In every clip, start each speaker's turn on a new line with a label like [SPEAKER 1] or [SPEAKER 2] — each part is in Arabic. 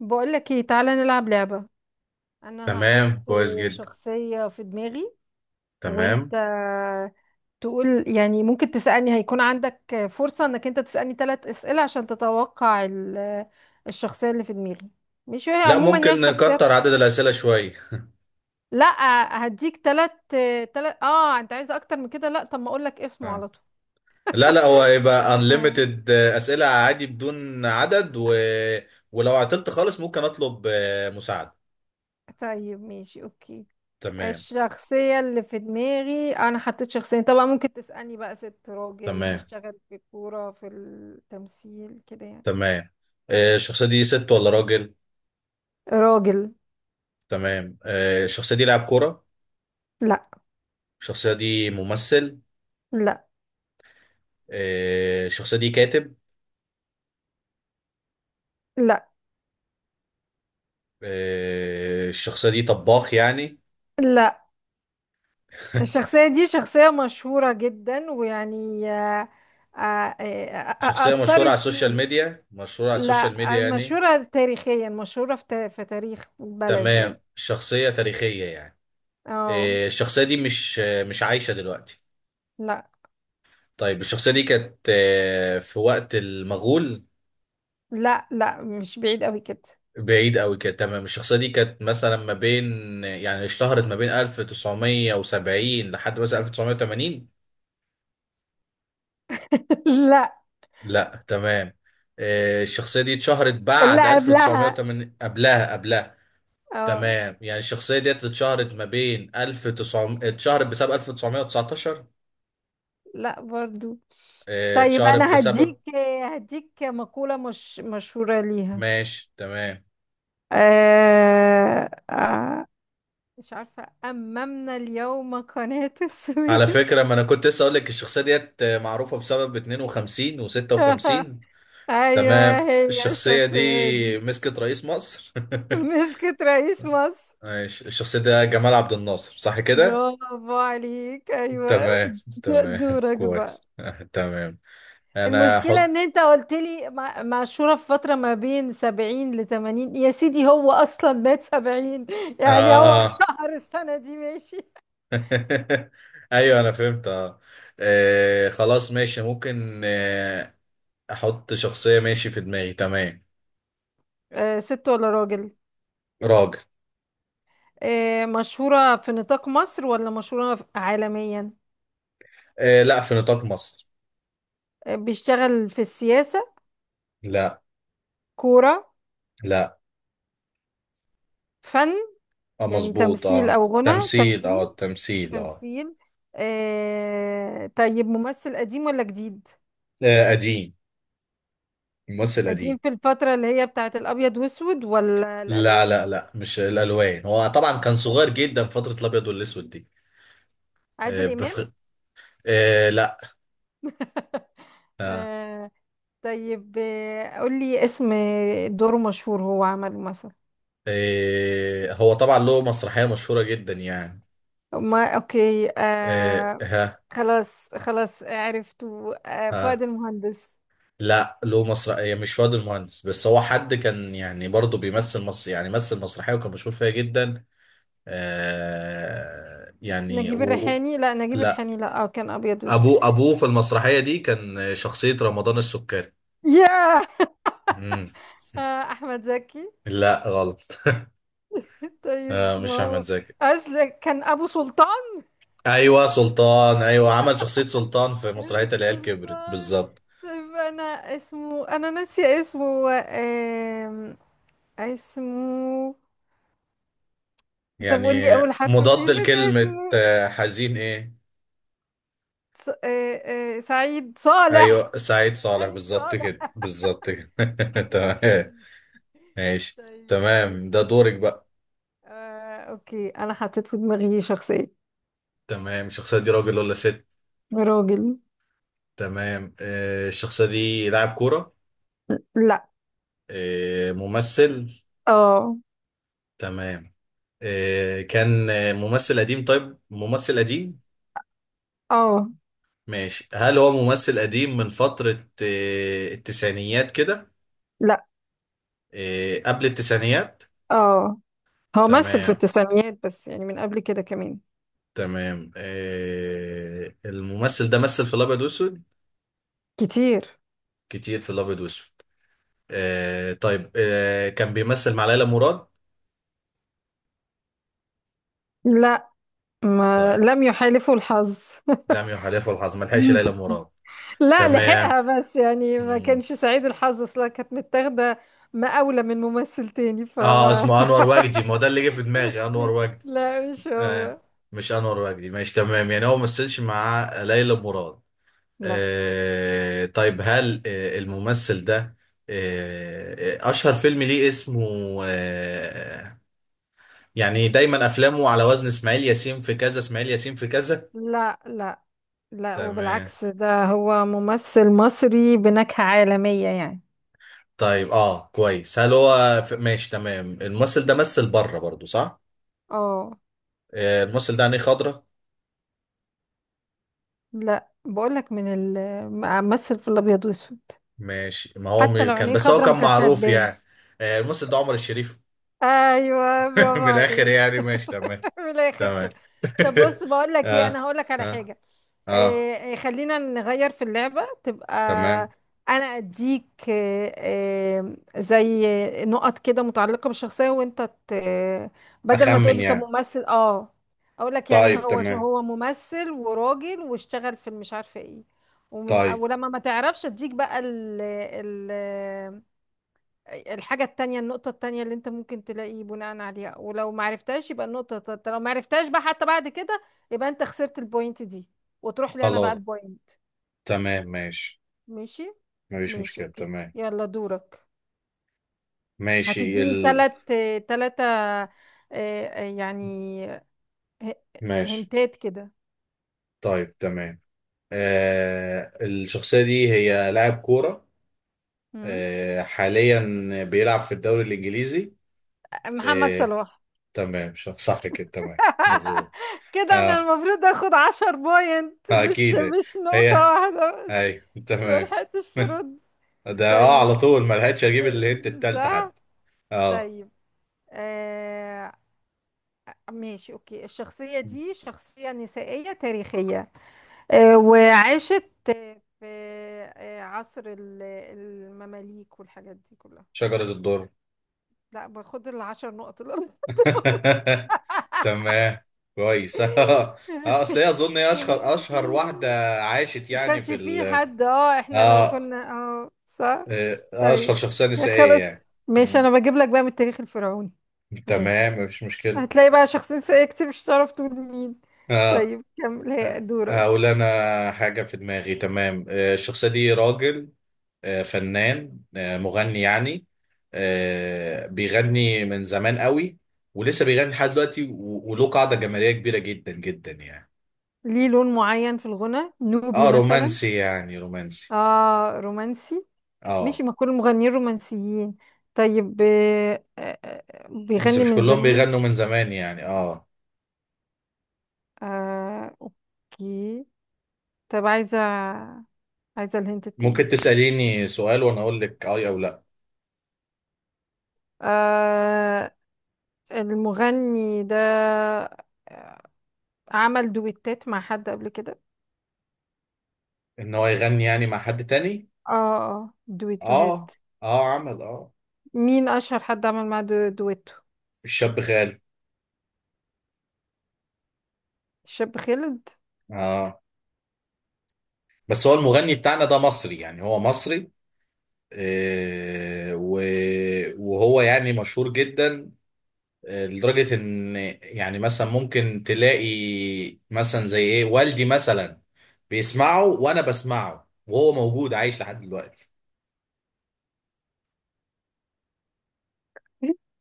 [SPEAKER 1] بقولك ايه، تعالى نلعب لعبة. انا هحط
[SPEAKER 2] تمام، كويس جدا.
[SPEAKER 1] شخصية في دماغي، وانت
[SPEAKER 2] تمام.
[SPEAKER 1] تقول، يعني ممكن تسألني، هيكون عندك فرصة انك انت تسألني ثلاث اسئلة عشان تتوقع الشخصية اللي في دماغي. مش هي
[SPEAKER 2] لا،
[SPEAKER 1] عموما،
[SPEAKER 2] ممكن
[SPEAKER 1] يعني، شخصيات.
[SPEAKER 2] نكتر عدد الأسئلة شوية.
[SPEAKER 1] لا، هديك ثلاث. ثلاث، انت عايز اكتر من كده؟ لا، طب ما اقولك اسمه
[SPEAKER 2] آه.
[SPEAKER 1] على طول.
[SPEAKER 2] لا لا، هو يبقى unlimited، أسئلة عادي بدون عدد ولو عطلت خالص ممكن أطلب مساعدة.
[SPEAKER 1] طيب، ماشي، اوكي.
[SPEAKER 2] تمام.
[SPEAKER 1] الشخصية اللي في دماغي أنا حطيت شخصين طبعا، ممكن تسألني بقى ست راجل،
[SPEAKER 2] تمام.
[SPEAKER 1] بيشتغل في الكورة، في التمثيل كده يعني.
[SPEAKER 2] تمام الشخصية دي ست ولا راجل؟
[SPEAKER 1] راجل.
[SPEAKER 2] الشخصية دي لاعب كورة؟
[SPEAKER 1] لا،
[SPEAKER 2] الشخصية دي ممثل؟
[SPEAKER 1] لا،
[SPEAKER 2] الشخصية دي كاتب؟
[SPEAKER 1] لا،
[SPEAKER 2] الشخصية دي طباخ يعني؟
[SPEAKER 1] لا. الشخصية دي شخصية مشهورة جدا، ويعني آه، آه،
[SPEAKER 2] شخصية مشهورة على
[SPEAKER 1] أثرت
[SPEAKER 2] السوشيال
[SPEAKER 1] فيني.
[SPEAKER 2] ميديا، مشهورة على السوشيال
[SPEAKER 1] لا،
[SPEAKER 2] ميديا يعني؟
[SPEAKER 1] مشهورة تاريخيا، مشهورة في تاريخ بلد يعني.
[SPEAKER 2] تمام، شخصية تاريخية يعني؟
[SPEAKER 1] اه،
[SPEAKER 2] الشخصية دي مش مش عايشة دلوقتي؟
[SPEAKER 1] لا،
[SPEAKER 2] طيب الشخصية دي كانت في وقت المغول؟
[SPEAKER 1] لا، لا، مش بعيد قوي كده.
[SPEAKER 2] بعيد قوي كده. تمام، الشخصية دي كانت مثلا ما بين، يعني اشتهرت ما بين 1970 لحد مثلا 1980؟
[SPEAKER 1] لا،
[SPEAKER 2] لا، تمام. الشخصية دي اتشهرت بعد
[SPEAKER 1] لا، قبلها.
[SPEAKER 2] 1980؟ قبلها قبلها؟
[SPEAKER 1] اه.
[SPEAKER 2] تمام، يعني الشخصية دي اتشهرت ما بين 1900، اتشهرت بسبب 1919؟
[SPEAKER 1] لا برضو. طيب
[SPEAKER 2] اتشهرت
[SPEAKER 1] انا
[SPEAKER 2] بسبب؟
[SPEAKER 1] هديك مقولة مش مشهورة ليها.
[SPEAKER 2] ماشي، تمام.
[SPEAKER 1] آه آه مش عارفة، أممنا اليوم قناة
[SPEAKER 2] على
[SPEAKER 1] السويس.
[SPEAKER 2] فكرة، ما انا كنت لسه اقول لك الشخصية ديت معروفة بسبب 52 و56.
[SPEAKER 1] أيوة.
[SPEAKER 2] تمام،
[SPEAKER 1] هي
[SPEAKER 2] الشخصية دي
[SPEAKER 1] الشخصية دي
[SPEAKER 2] مسكت رئيس مصر؟
[SPEAKER 1] مسكت رئيس مصر؟
[SPEAKER 2] ماشي، الشخصية ده جمال عبد الناصر، صح كده؟
[SPEAKER 1] برافو عليك، أيوة.
[SPEAKER 2] تمام. تمام.
[SPEAKER 1] دورك بقى.
[SPEAKER 2] كويس. تمام. انا
[SPEAKER 1] المشكلة
[SPEAKER 2] هحط.
[SPEAKER 1] ان انت قلت لي معشورة في فترة ما بين 70 لتمانين يا سيدي، هو اصلا مات 70. يعني هو
[SPEAKER 2] اه. اه.
[SPEAKER 1] شهر السنة دي. ماشي.
[SPEAKER 2] ايوه، انا فهمت. اه. خلاص ماشي، ممكن احط شخصية، ماشي، في دماغي. تمام.
[SPEAKER 1] ست ولا راجل؟
[SPEAKER 2] راجل.
[SPEAKER 1] مشهورة في نطاق مصر ولا مشهورة عالميا؟
[SPEAKER 2] آه، لا، في نطاق مصر.
[SPEAKER 1] بيشتغل في السياسة؟
[SPEAKER 2] لا.
[SPEAKER 1] كورة؟
[SPEAKER 2] لا.
[SPEAKER 1] فن؟
[SPEAKER 2] اه،
[SPEAKER 1] يعني
[SPEAKER 2] مظبوط،
[SPEAKER 1] تمثيل
[SPEAKER 2] اه،
[SPEAKER 1] او غنى؟
[SPEAKER 2] تمثيل، اه،
[SPEAKER 1] تمثيل.
[SPEAKER 2] التمثيل، اه.
[SPEAKER 1] تمثيل. طيب، ممثل قديم ولا جديد؟
[SPEAKER 2] قديم. ممثل قديم.
[SPEAKER 1] قديم في الفترة اللي هي بتاعت الابيض واسود ولا
[SPEAKER 2] لا
[SPEAKER 1] الالوان؟
[SPEAKER 2] لا لا، مش الالوان، هو طبعا كان صغير جدا في فتره الابيض والاسود دي. آه
[SPEAKER 1] عادل إمام.
[SPEAKER 2] بفخ... آه لا. آه.
[SPEAKER 1] آه، طيب، قولي اسم دور مشهور هو عمله مثلا.
[SPEAKER 2] آه، هو طبعا له مسرحيه مشهوره جدا يعني.
[SPEAKER 1] ما اوكي،
[SPEAKER 2] آه. ها.
[SPEAKER 1] خلاص، خلاص، عرفته.
[SPEAKER 2] ها،
[SPEAKER 1] فؤاد المهندس.
[SPEAKER 2] لا، له مسرحيه، مش فؤاد المهندس، بس هو حد كان يعني برضه بيمثل مصر، يعني مثل مسرحيه وكان مشهور فيها جدا. آه يعني
[SPEAKER 1] نجيب
[SPEAKER 2] و...
[SPEAKER 1] الريحاني. لا، نجيب
[SPEAKER 2] لا،
[SPEAKER 1] الريحاني. لا، كان ابيض واسود.
[SPEAKER 2] ابوه في المسرحيه دي كان شخصيه رمضان السكري.
[SPEAKER 1] ياه.
[SPEAKER 2] مم.
[SPEAKER 1] احمد زكي.
[SPEAKER 2] لا، غلط. آه،
[SPEAKER 1] طيب ما
[SPEAKER 2] مش احمد
[SPEAKER 1] هو،
[SPEAKER 2] زكي.
[SPEAKER 1] اصل كان ابو سلطان.
[SPEAKER 2] ايوه، سلطان، ايوه، عمل شخصيه سلطان في مسرحيه العيال كبرت
[SPEAKER 1] سلطان.
[SPEAKER 2] بالظبط.
[SPEAKER 1] طيب انا اسمه، انا ناسيه اسمه، اسمه. طب
[SPEAKER 2] يعني
[SPEAKER 1] قول لي اول حرف،
[SPEAKER 2] مضاد
[SPEAKER 1] نسيت
[SPEAKER 2] لكلمه
[SPEAKER 1] اسمه.
[SPEAKER 2] حزين، ايه؟
[SPEAKER 1] ص... آه آه سعيد
[SPEAKER 2] ايوه،
[SPEAKER 1] صالح.
[SPEAKER 2] سعيد صالح،
[SPEAKER 1] سعيد
[SPEAKER 2] بالظبط كده،
[SPEAKER 1] صالح.
[SPEAKER 2] بالظبط كده.
[SPEAKER 1] أوكي.
[SPEAKER 2] تمام. ماشي.
[SPEAKER 1] طيب،
[SPEAKER 2] تمام
[SPEAKER 1] ماشي،
[SPEAKER 2] ده دورك
[SPEAKER 1] اوكي.
[SPEAKER 2] بقى.
[SPEAKER 1] اوكي، انا حطيت في دماغي شخصية.
[SPEAKER 2] تمام، الشخصيه دي راجل ولا ست؟
[SPEAKER 1] راجل.
[SPEAKER 2] تمام، آه، الشخصيه دي لاعب كوره؟
[SPEAKER 1] لا.
[SPEAKER 2] آه، ممثل؟
[SPEAKER 1] اه.
[SPEAKER 2] تمام. آه، كان آه، ممثل قديم، طيب ممثل قديم.
[SPEAKER 1] اه.
[SPEAKER 2] ماشي، هل هو ممثل قديم من فترة التسعينيات كده؟
[SPEAKER 1] لا.
[SPEAKER 2] قبل التسعينيات؟
[SPEAKER 1] اه. هو مثل في
[SPEAKER 2] تمام.
[SPEAKER 1] التسعينيات، بس يعني من قبل كده كمان.
[SPEAKER 2] تمام، الممثل ده مثل في الأبيض وأسود؟
[SPEAKER 1] كتير.
[SPEAKER 2] كتير في الأبيض وأسود؟ كان بيمثل مع ليلى مراد؟
[SPEAKER 1] لا، ما
[SPEAKER 2] طيب،
[SPEAKER 1] لم يحالفه الحظ.
[SPEAKER 2] لم يحلفه الحظ، ما لحقش ليلى مراد؟
[SPEAKER 1] لا،
[SPEAKER 2] تمام.
[SPEAKER 1] لحقها، بس يعني ما
[SPEAKER 2] مم.
[SPEAKER 1] كانش سعيد الحظ، اصلا كانت متاخده مقاولة من ممثل تاني
[SPEAKER 2] اه،
[SPEAKER 1] فما.
[SPEAKER 2] اسمه انور وجدي، ما هو ده اللي جه في دماغي، انور وجدي.
[SPEAKER 1] لا، مش
[SPEAKER 2] آه،
[SPEAKER 1] هو.
[SPEAKER 2] مش انور وجدي، ماشي تمام، يعني هو ما مثلش مع ليلى مراد.
[SPEAKER 1] لا،
[SPEAKER 2] آه طيب، هل آه الممثل ده آه آه، اشهر فيلم ليه اسمه؟ آه، يعني دايما افلامه على وزن اسماعيل ياسين في كذا، اسماعيل ياسين في كذا؟
[SPEAKER 1] لا، لا، لا،
[SPEAKER 2] تمام.
[SPEAKER 1] وبالعكس، ده هو ممثل مصري بنكهة عالمية يعني.
[SPEAKER 2] طيب اه، كويس. ماشي، تمام، الممثل ده مثل بره برضو، صح؟
[SPEAKER 1] اه.
[SPEAKER 2] آه، الممثل ده عينيه خضرا؟
[SPEAKER 1] لا، بقولك من ال ممثل في الابيض واسود.
[SPEAKER 2] ماشي، ما هو
[SPEAKER 1] حتى
[SPEAKER 2] م-
[SPEAKER 1] لو
[SPEAKER 2] كان،
[SPEAKER 1] عينيه
[SPEAKER 2] بس هو
[SPEAKER 1] خضرا ما
[SPEAKER 2] كان
[SPEAKER 1] كانتش
[SPEAKER 2] معروف
[SPEAKER 1] هتبان.
[SPEAKER 2] يعني. آه، الممثل ده عمر الشريف.
[SPEAKER 1] ايوه، برافو
[SPEAKER 2] من الاخر
[SPEAKER 1] عليك.
[SPEAKER 2] يعني، ماشي تمام.
[SPEAKER 1] من الاخر
[SPEAKER 2] تمام.
[SPEAKER 1] كده. طب بص بقول لك ايه، انا
[SPEAKER 2] اه.
[SPEAKER 1] هقول لك على
[SPEAKER 2] اه.
[SPEAKER 1] حاجه.
[SPEAKER 2] اه.
[SPEAKER 1] إيه إيه، خلينا نغير في اللعبه، تبقى
[SPEAKER 2] تمام.
[SPEAKER 1] انا اديك إيه، إيه، زي نقط كده متعلقه بالشخصيه، وانت ت- بدل ما
[SPEAKER 2] اخمن
[SPEAKER 1] تقولي طب
[SPEAKER 2] يعني.
[SPEAKER 1] ممثل، اقول لك يعني
[SPEAKER 2] طيب
[SPEAKER 1] هو
[SPEAKER 2] تمام.
[SPEAKER 1] هو ممثل وراجل واشتغل في مش عارفه ايه،
[SPEAKER 2] طيب.
[SPEAKER 1] ولما ما تعرفش اديك بقى الحاجة التانية، النقطة التانية اللي انت ممكن تلاقي بناء عليها، ولو معرفتهاش يبقى النقطة التالتة، لو معرفتهاش بقى حتى بعد كده يبقى انت خسرت البوينت دي وتروح لي انا بقى
[SPEAKER 2] خلاص.
[SPEAKER 1] البوينت.
[SPEAKER 2] تمام ماشي،
[SPEAKER 1] ماشي.
[SPEAKER 2] مفيش
[SPEAKER 1] ماشي،
[SPEAKER 2] مشكلة.
[SPEAKER 1] اوكي.
[SPEAKER 2] تمام
[SPEAKER 1] يلا دورك.
[SPEAKER 2] ماشي.
[SPEAKER 1] هتديني
[SPEAKER 2] ال
[SPEAKER 1] تلاتة، اه، يعني ه-
[SPEAKER 2] ماشي
[SPEAKER 1] هنتات كده.
[SPEAKER 2] طيب، تمام. آه الشخصية دي هي لاعب كورة؟
[SPEAKER 1] مم.
[SPEAKER 2] آه، حاليا بيلعب في الدوري الإنجليزي؟
[SPEAKER 1] محمد
[SPEAKER 2] آه.
[SPEAKER 1] صلاح.
[SPEAKER 2] تمام، صح كده، تمام، مظبوط.
[SPEAKER 1] كده انا
[SPEAKER 2] اه،
[SPEAKER 1] المفروض اخد 10 بوينت،
[SPEAKER 2] آه،
[SPEAKER 1] مش
[SPEAKER 2] اكيد.
[SPEAKER 1] مش نقطة
[SPEAKER 2] هي،
[SPEAKER 1] واحدة.
[SPEAKER 2] اي، تمام.
[SPEAKER 1] ملحقتش الشروط.
[SPEAKER 2] ده اه، على
[SPEAKER 1] طيب،
[SPEAKER 2] طول ما لحقتش اجيب الهنت التالتة
[SPEAKER 1] صح.
[SPEAKER 2] حتى. اه.
[SPEAKER 1] طيب، آه ماشي، اوكي. الشخصية دي شخصية نسائية تاريخية، وعاشت في عصر المماليك والحاجات دي كلها.
[SPEAKER 2] شجرة الدر.
[SPEAKER 1] لا، باخد العشر نقط الأرض.
[SPEAKER 2] تمام. كويس. اه، اصل هي اظن هي اشهر اشهر واحدة عاشت
[SPEAKER 1] ما
[SPEAKER 2] يعني
[SPEAKER 1] كانش
[SPEAKER 2] في ال،
[SPEAKER 1] في حد، احنا لو
[SPEAKER 2] اه،
[SPEAKER 1] كنا، صح.
[SPEAKER 2] آه، اشهر
[SPEAKER 1] طيب
[SPEAKER 2] شخصية نسائية
[SPEAKER 1] خلاص،
[SPEAKER 2] يعني.
[SPEAKER 1] ماشي،
[SPEAKER 2] مم.
[SPEAKER 1] انا بجيب لك بقى من التاريخ الفرعوني. ماشي،
[SPEAKER 2] تمام، مفيش مشكلة.
[SPEAKER 1] هتلاقي بقى شخصية نسائية كتير، مش هتعرف تقول مين.
[SPEAKER 2] آه.
[SPEAKER 1] طيب كمل، هي
[SPEAKER 2] اقول
[SPEAKER 1] دورك.
[SPEAKER 2] انا حاجه في دماغي، تمام. الشخصيه دي راجل، فنان، مغني يعني، بيغني من زمان قوي ولسه بيغني لحد دلوقتي، و- وله قاعده جماهيريه كبيره جدا جدا يعني.
[SPEAKER 1] ليه لون معين في الغنى، نوبي
[SPEAKER 2] اه،
[SPEAKER 1] مثلا؟
[SPEAKER 2] رومانسي يعني، رومانسي.
[SPEAKER 1] اه، رومانسي. ماشي،
[SPEAKER 2] اه.
[SPEAKER 1] ما كل المغنيين رومانسيين. طيب
[SPEAKER 2] بس
[SPEAKER 1] بيغني
[SPEAKER 2] مش
[SPEAKER 1] من
[SPEAKER 2] كلهم
[SPEAKER 1] زمان.
[SPEAKER 2] بيغنوا من زمان يعني، اه.
[SPEAKER 1] اوكي. طب عايزة الهنت التاني.
[SPEAKER 2] ممكن تساليني سؤال وانا اقول لك اه او لا.
[SPEAKER 1] آه المغني ده آه، عمل دويتات مع حد قبل كده؟
[SPEAKER 2] ان هو يغني يعني مع حد تاني؟
[SPEAKER 1] اه. اه دويتوهات.
[SPEAKER 2] اه. اه، عمل اه.
[SPEAKER 1] مين اشهر حد عمل معاه دويتو؟
[SPEAKER 2] الشاب غالي.
[SPEAKER 1] شاب خالد.
[SPEAKER 2] اه، بس هو المغني بتاعنا ده مصري، يعني هو مصري، آه، و- وهو يعني مشهور جدا، لدرجة ان، يعني مثلا ممكن تلاقي مثلا زي ايه، والدي مثلا بيسمعه وانا بسمعه، وهو موجود عايش لحد دلوقتي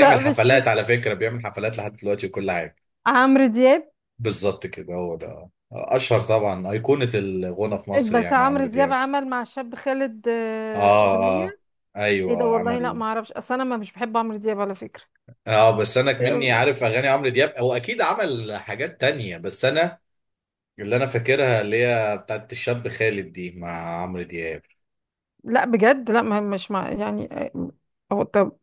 [SPEAKER 1] لا، مش
[SPEAKER 2] حفلات، على فكرة بيعمل حفلات لحد دلوقتي وكل حاجة.
[SPEAKER 1] عمرو دياب،
[SPEAKER 2] بالظبط كده، هو ده اشهر طبعا ايقونة الغنى في مصر
[SPEAKER 1] بس
[SPEAKER 2] يعني،
[SPEAKER 1] عمرو
[SPEAKER 2] عمرو
[SPEAKER 1] دياب
[SPEAKER 2] دياب.
[SPEAKER 1] عمل مع الشاب خالد
[SPEAKER 2] اه.
[SPEAKER 1] اغنيه.
[SPEAKER 2] اه. آه.
[SPEAKER 1] ايه ده،
[SPEAKER 2] ايوه،
[SPEAKER 1] والله لا
[SPEAKER 2] عمل
[SPEAKER 1] ما اعرفش، اصل انا ما مش بحب عمرو دياب على فكره.
[SPEAKER 2] اه، بس انا مني
[SPEAKER 1] آه،
[SPEAKER 2] عارف اغاني عمرو دياب، هو اكيد عمل حاجات تانية، بس انا اللي انا فاكرها اللي هي بتاعت الشاب خالد دي مع عمرو دياب.
[SPEAKER 1] لا، بجد لا، ما مش مع يعني هو. طب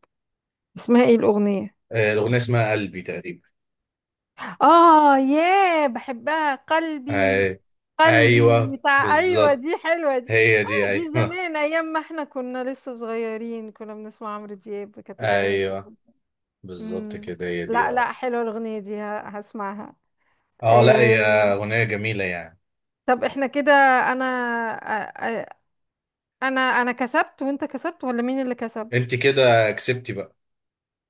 [SPEAKER 1] اسمها ايه الاغنيه؟
[SPEAKER 2] الاغنيه اسمها قلبي تقريبا.
[SPEAKER 1] اه ياه، بحبها قلبي.
[SPEAKER 2] آه، ايوه،
[SPEAKER 1] قلبي بتاع، ايوه
[SPEAKER 2] بالظبط،
[SPEAKER 1] دي حلوه دي.
[SPEAKER 2] هي دي،
[SPEAKER 1] اه، دي
[SPEAKER 2] ايوه.
[SPEAKER 1] زمان، ايام ما احنا كنا لسه صغيرين كنا بنسمع عمرو دياب، كانت الاغاني دي
[SPEAKER 2] ايوه
[SPEAKER 1] حلوة.
[SPEAKER 2] بالظبط
[SPEAKER 1] امم
[SPEAKER 2] كده، هي دي،
[SPEAKER 1] لا،
[SPEAKER 2] اه.
[SPEAKER 1] لا، حلوه الاغنيه دي، هسمعها.
[SPEAKER 2] اه لا،
[SPEAKER 1] آه.
[SPEAKER 2] هي اغنيه جميله يعني.
[SPEAKER 1] طب احنا كده، انا أ- أ- انا انا كسبت وانت كسبت ولا مين اللي كسب؟
[SPEAKER 2] انت كده كسبتي بقى.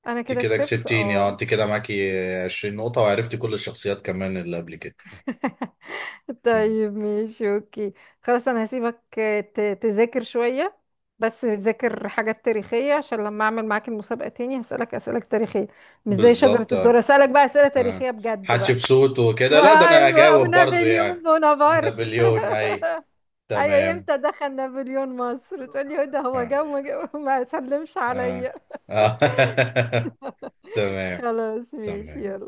[SPEAKER 1] انا
[SPEAKER 2] انت
[SPEAKER 1] كده
[SPEAKER 2] كده
[SPEAKER 1] كسبت،
[SPEAKER 2] كسبتيني، اه،
[SPEAKER 1] اه.
[SPEAKER 2] انت كده معاكي 20 نقطه، وعرفتي كل الشخصيات كمان اللي قبل كده. مم.
[SPEAKER 1] طيب، ماشي، اوكي، خلاص، انا هسيبك تذاكر شوية، بس تذاكر حاجات تاريخية، عشان لما اعمل معاك المسابقة تاني هسألك اسئلة تاريخية، مش زي شجرة
[SPEAKER 2] بالظبط. آه.
[SPEAKER 1] الدر، هسألك بقى اسئلة
[SPEAKER 2] آه.
[SPEAKER 1] تاريخية بجد بقى.
[SPEAKER 2] حتشبسوت وكده، لا، ده انا
[SPEAKER 1] ايوه،
[SPEAKER 2] هجاوب برضو
[SPEAKER 1] ونابليون
[SPEAKER 2] يعني.
[SPEAKER 1] بونابرت.
[SPEAKER 2] نابليون، اي.
[SPEAKER 1] ايوه،
[SPEAKER 2] تمام.
[SPEAKER 1] امتى دخل نابليون مصر تقولي ده هو
[SPEAKER 2] آه.
[SPEAKER 1] جه وما سلمش
[SPEAKER 2] آه.
[SPEAKER 1] عليا.
[SPEAKER 2] آه. تمام.
[SPEAKER 1] خلاص، ماشي،
[SPEAKER 2] تمام.
[SPEAKER 1] يلا.